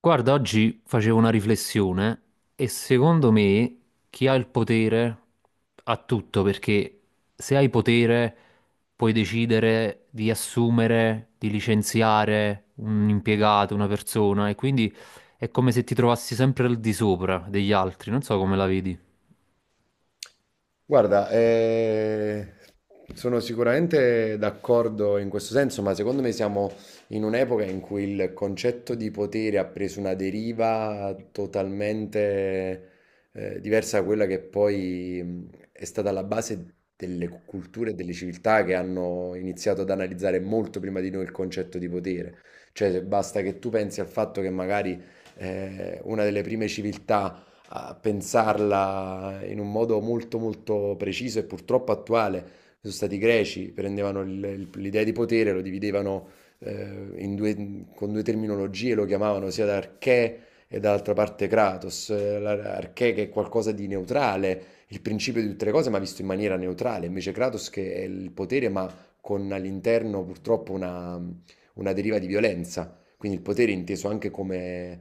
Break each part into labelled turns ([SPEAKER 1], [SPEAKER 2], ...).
[SPEAKER 1] Guarda, oggi facevo una riflessione e secondo me chi ha il potere ha tutto, perché se hai potere puoi decidere di assumere, di licenziare un impiegato, una persona, e quindi è come se ti trovassi sempre al di sopra degli altri, non so come la vedi.
[SPEAKER 2] Guarda, sono sicuramente d'accordo in questo senso, ma secondo me siamo in un'epoca in cui il concetto di potere ha preso una deriva totalmente diversa da quella che poi è stata la base delle culture e delle civiltà che hanno iniziato ad analizzare molto prima di noi il concetto di potere. Cioè, basta che tu pensi al fatto che magari una delle prime civiltà a pensarla in un modo molto molto preciso e purtroppo attuale. Sono stati i greci, prendevano l'idea di potere, lo dividevano con due terminologie, lo chiamavano sia da archè e dall'altra parte kratos. Archè che è qualcosa di neutrale, il principio di tutte le cose, ma visto in maniera neutrale, invece kratos che è il potere, ma con all'interno purtroppo una deriva di violenza. Quindi il potere inteso anche come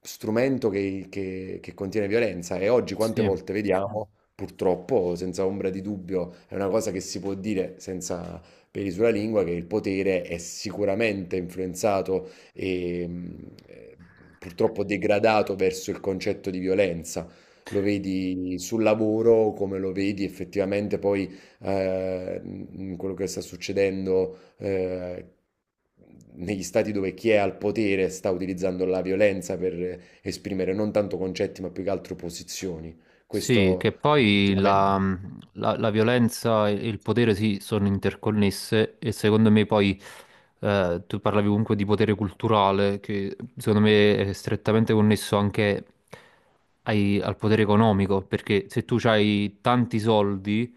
[SPEAKER 2] strumento che contiene violenza e oggi quante
[SPEAKER 1] Sì.
[SPEAKER 2] volte vediamo, purtroppo, senza ombra di dubbio, è una cosa che si può dire senza peli sulla lingua, che il potere è sicuramente influenzato e purtroppo degradato verso il concetto di violenza. Lo vedi sul lavoro, come lo vedi effettivamente poi in quello che sta succedendo negli stati dove chi è al potere sta utilizzando la violenza per esprimere non tanto concetti, ma più che altro posizioni.
[SPEAKER 1] Sì, che
[SPEAKER 2] Questo
[SPEAKER 1] poi
[SPEAKER 2] effettivamente.
[SPEAKER 1] la violenza e il potere sì, sono interconnesse e secondo me poi tu parlavi comunque di potere culturale che secondo me è strettamente connesso anche al potere economico perché se tu hai tanti soldi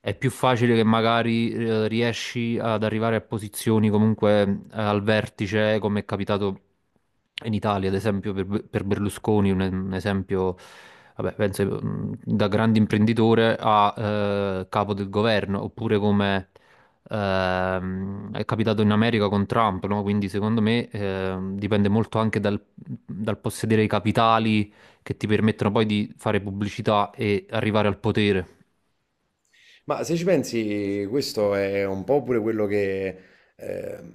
[SPEAKER 1] è più facile che magari riesci ad arrivare a posizioni comunque al vertice, come è capitato in Italia, ad esempio per Berlusconi, un esempio, vabbè, penso da grande imprenditore a capo del governo, oppure come è capitato in America con Trump, no? Quindi secondo me dipende molto anche dal possedere i capitali che ti permettono poi di fare pubblicità e arrivare al potere.
[SPEAKER 2] Ma se ci pensi, questo è un po' pure quello che... ehm,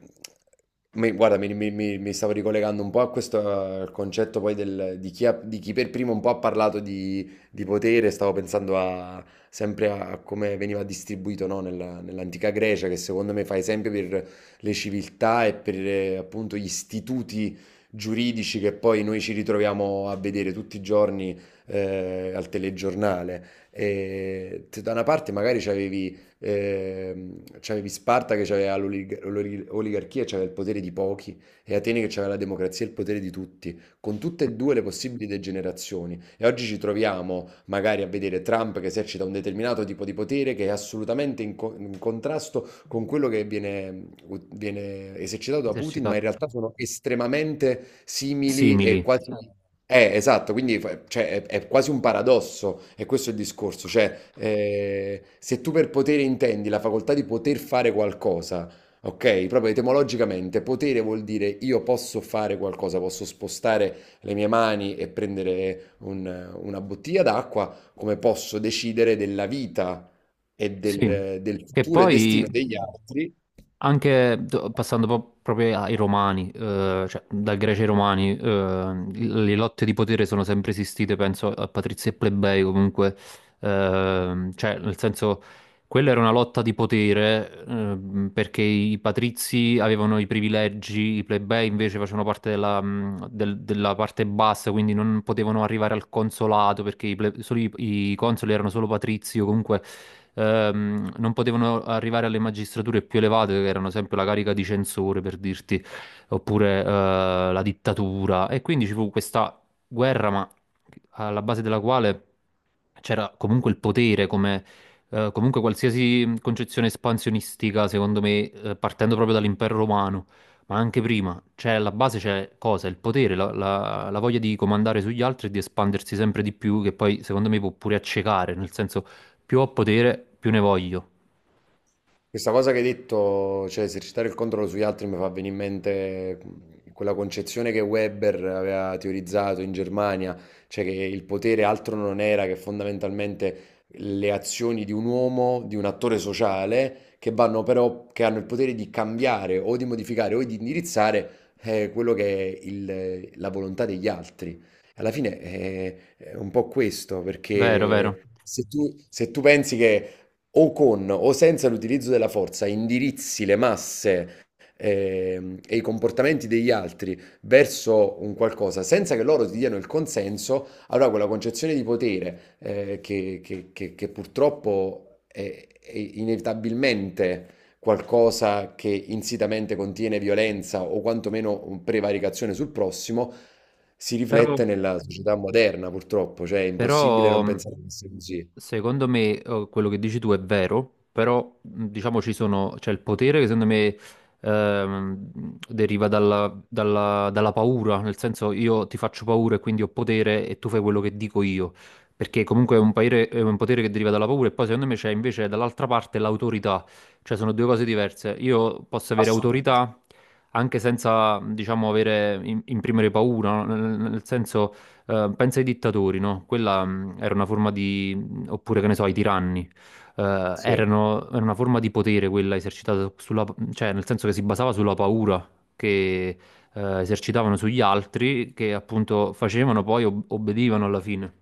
[SPEAKER 2] guarda, mi stavo ricollegando un po' a questo al concetto poi di di chi per primo un po' ha parlato di potere, sempre a come veniva distribuito, no, nell'antica Grecia, che secondo me fa esempio per le civiltà e per appunto gli istituti giuridici che poi noi ci ritroviamo a vedere tutti i giorni al telegiornale. E se da una parte magari c'avevi Sparta che aveva l'oligarchia, e c'aveva il potere di pochi, e Atene che aveva la democrazia e il potere di tutti, con tutte e due le possibili degenerazioni. E oggi ci troviamo magari a vedere Trump che esercita un determinato tipo di potere che è assolutamente in contrasto con quello viene esercitato da Putin, ma in
[SPEAKER 1] Esercitato.
[SPEAKER 2] realtà sono estremamente simili e
[SPEAKER 1] Simili,
[SPEAKER 2] quasi esatto, quindi cioè, è quasi un paradosso, e questo è il discorso, cioè se tu per potere intendi la facoltà di poter fare qualcosa, ok? Proprio etimologicamente, potere vuol dire io posso fare qualcosa, posso spostare le mie mani e prendere una bottiglia d'acqua, come posso decidere della vita e
[SPEAKER 1] sì.
[SPEAKER 2] del
[SPEAKER 1] Che
[SPEAKER 2] futuro e destino
[SPEAKER 1] poi
[SPEAKER 2] degli altri.
[SPEAKER 1] anche proprio ai romani, cioè dal greci ai romani, le lotte di potere sono sempre esistite, penso a patrizi e plebei comunque, cioè nel senso quella era una lotta di potere, perché i patrizi avevano i privilegi, i plebei invece facevano parte della parte bassa, quindi non potevano arrivare al consolato perché solo i consoli erano solo patrizi o comunque non potevano arrivare alle magistrature più elevate, che erano sempre la carica di censore, per dirti, oppure la dittatura. E quindi ci fu questa guerra, ma alla base della quale c'era comunque il potere come... comunque qualsiasi concezione espansionistica, secondo me, partendo proprio dall'impero romano, ma anche prima, c'è alla base c'è cosa? Il potere, la voglia di comandare sugli altri e di espandersi sempre di più, che poi secondo me può pure accecare, nel senso più ho potere, più ne voglio.
[SPEAKER 2] Questa cosa che hai detto, cioè esercitare il controllo sugli altri, mi fa venire in mente quella concezione che Weber aveva teorizzato in Germania, cioè che il potere altro non era che fondamentalmente le azioni di un uomo, di un attore sociale, che vanno però, che hanno il potere di cambiare o di modificare o di indirizzare quello che è la volontà degli altri. Alla fine è un po' questo,
[SPEAKER 1] Vero, vero.
[SPEAKER 2] perché se tu pensi che o con o senza l'utilizzo della forza indirizzi le masse e i comportamenti degli altri verso un qualcosa senza che loro ti diano il consenso, allora quella concezione di potere che purtroppo è inevitabilmente qualcosa che insitamente contiene violenza o quantomeno prevaricazione sul prossimo, si
[SPEAKER 1] Però,
[SPEAKER 2] riflette nella società moderna, purtroppo, cioè è impossibile non
[SPEAKER 1] però mh,
[SPEAKER 2] pensare che sia così.
[SPEAKER 1] secondo me quello che dici tu è vero, però diciamo ci sono, c'è il potere che secondo me deriva dalla paura, nel senso io ti faccio paura e quindi ho potere e tu fai quello che dico io, perché comunque è è un potere che deriva dalla paura e poi secondo me c'è invece dall'altra parte l'autorità, cioè sono due cose diverse. Io posso avere
[SPEAKER 2] Assolutamente.
[SPEAKER 1] autorità anche senza, diciamo, avere, imprimere paura, no? Nel senso... pensa ai dittatori, no? Quella era una forma di... oppure che ne so, ai tiranni.
[SPEAKER 2] Sì.
[SPEAKER 1] Era una forma di potere quella esercitata sulla... cioè nel senso che si basava sulla paura che esercitavano sugli altri, che appunto facevano poi obbedivano alla fine.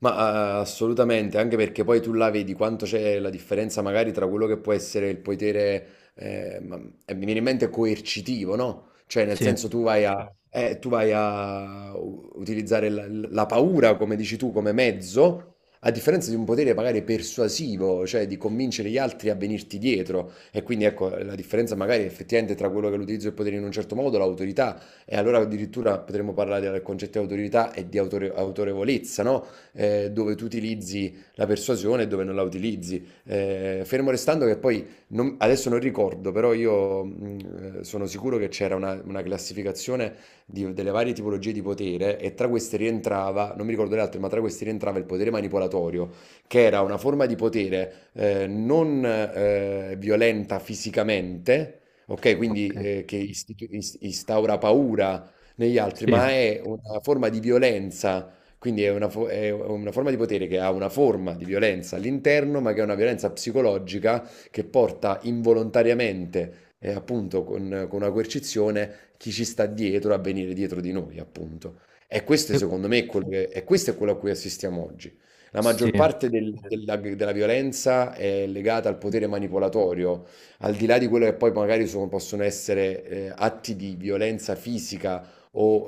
[SPEAKER 2] Ma, assolutamente, anche perché poi tu là vedi quanto c'è la differenza magari tra quello che può essere il potere, e mi viene in mente coercitivo, no, cioè nel
[SPEAKER 1] Sì,
[SPEAKER 2] senso tu vai a. Certo. Tu vai a u utilizzare la paura, come dici tu, come mezzo, a differenza di un potere magari persuasivo, cioè di convincere gli altri a venirti dietro. E quindi ecco, la differenza magari effettivamente tra quello che è l'utilizzo del potere in un certo modo, l'autorità, e allora addirittura potremmo parlare del concetto di autorità e di autorevolezza, no, dove tu utilizzi la persuasione e dove non la utilizzi. Fermo restando che poi, adesso non ricordo, però io sono sicuro che c'era una classificazione delle varie tipologie di potere e tra queste rientrava, non mi ricordo le altre, ma tra queste rientrava il potere manipolatorio, che era una forma di potere non violenta fisicamente. Ok, quindi
[SPEAKER 1] ok.
[SPEAKER 2] che instaura paura negli altri,
[SPEAKER 1] Sì.
[SPEAKER 2] ma è una forma di violenza, quindi è è una forma di potere che ha una forma di violenza all'interno, ma che è una violenza psicologica che porta involontariamente e appunto con una coercizione chi ci sta dietro a venire dietro di noi, appunto. E questo
[SPEAKER 1] E-
[SPEAKER 2] secondo me è quello, questo è quello a cui assistiamo oggi. La
[SPEAKER 1] sì.
[SPEAKER 2] maggior parte della violenza è legata al potere manipolatorio, al di là di quello che poi magari possono essere atti di violenza fisica o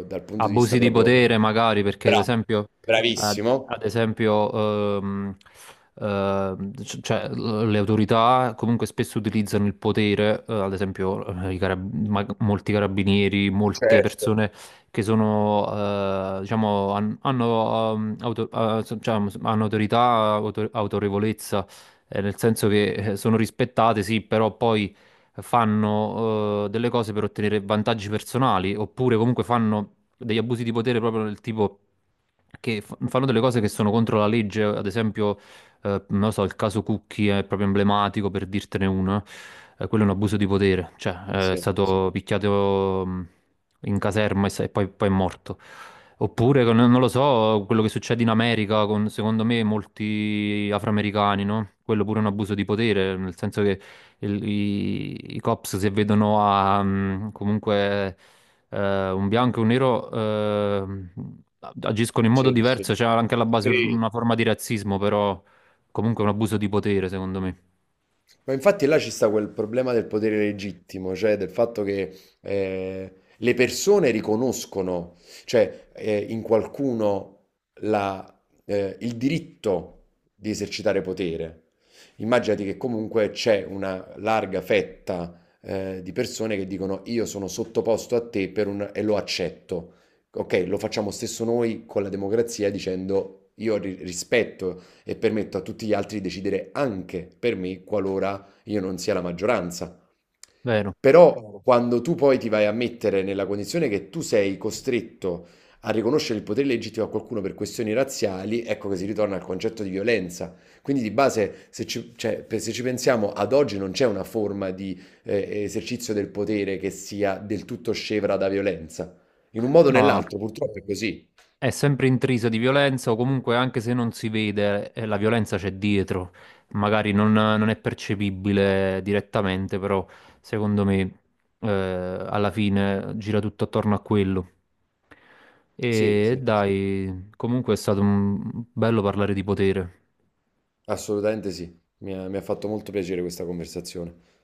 [SPEAKER 2] dal punto di vista
[SPEAKER 1] Abusi di
[SPEAKER 2] proprio.
[SPEAKER 1] potere magari perché ad esempio, ad,
[SPEAKER 2] Bravissimo,
[SPEAKER 1] ad esempio cioè, le autorità comunque spesso utilizzano il potere, ad esempio molti carabinieri, molte
[SPEAKER 2] certo,
[SPEAKER 1] persone che sono, diciamo, hanno, cioè, hanno autorità, autorevolezza, nel senso che sono rispettate, sì, però poi fanno delle cose per ottenere vantaggi personali, oppure comunque fanno degli abusi di potere proprio del tipo che fanno delle cose che sono contro la legge, ad esempio, non lo so, il caso Cucchi è proprio emblematico per dirtene uno, quello è un abuso di potere, cioè è
[SPEAKER 2] sì, sì,
[SPEAKER 1] stato picchiato in caserma e poi, poi è morto. Oppure, non lo so, quello che succede in America con, secondo me, molti afroamericani, no? Quello pure è un abuso di potere, nel senso che i cops si vedono a mm, comunque un bianco e un nero agiscono in modo
[SPEAKER 2] sì, sì.
[SPEAKER 1] diverso, c'è anche alla base
[SPEAKER 2] Sì.
[SPEAKER 1] una forma di razzismo, però comunque è un abuso di potere, secondo me.
[SPEAKER 2] Ma infatti là ci sta quel problema del potere legittimo, cioè del fatto che le persone riconoscono, cioè in qualcuno la- il diritto di esercitare potere. Immaginati che comunque c'è una larga fetta di persone che dicono io sono sottoposto a te per e lo accetto. Ok, lo facciamo stesso noi con la democrazia dicendo io rispetto e permetto a tutti gli altri di decidere anche per me qualora io non sia la maggioranza.
[SPEAKER 1] Vero?
[SPEAKER 2] Però, chiaro, quando tu poi ti vai a mettere nella condizione che tu sei costretto a riconoscere il potere legittimo a qualcuno per questioni razziali, ecco che si ritorna al concetto di violenza. Quindi di base, se ci, cioè, se ci pensiamo, ad oggi non c'è una forma di esercizio del potere che sia del tutto scevra da violenza. In un modo o
[SPEAKER 1] No.
[SPEAKER 2] nell'altro, purtroppo è così.
[SPEAKER 1] È sempre intrisa di violenza o comunque anche se non si vede, la violenza c'è dietro, magari non è percepibile direttamente, però secondo me alla fine gira tutto attorno a quello.
[SPEAKER 2] Sì,
[SPEAKER 1] E
[SPEAKER 2] sì, sì,
[SPEAKER 1] dai, comunque è stato bello parlare di potere.
[SPEAKER 2] assolutamente sì. Mi ha fatto molto piacere questa conversazione.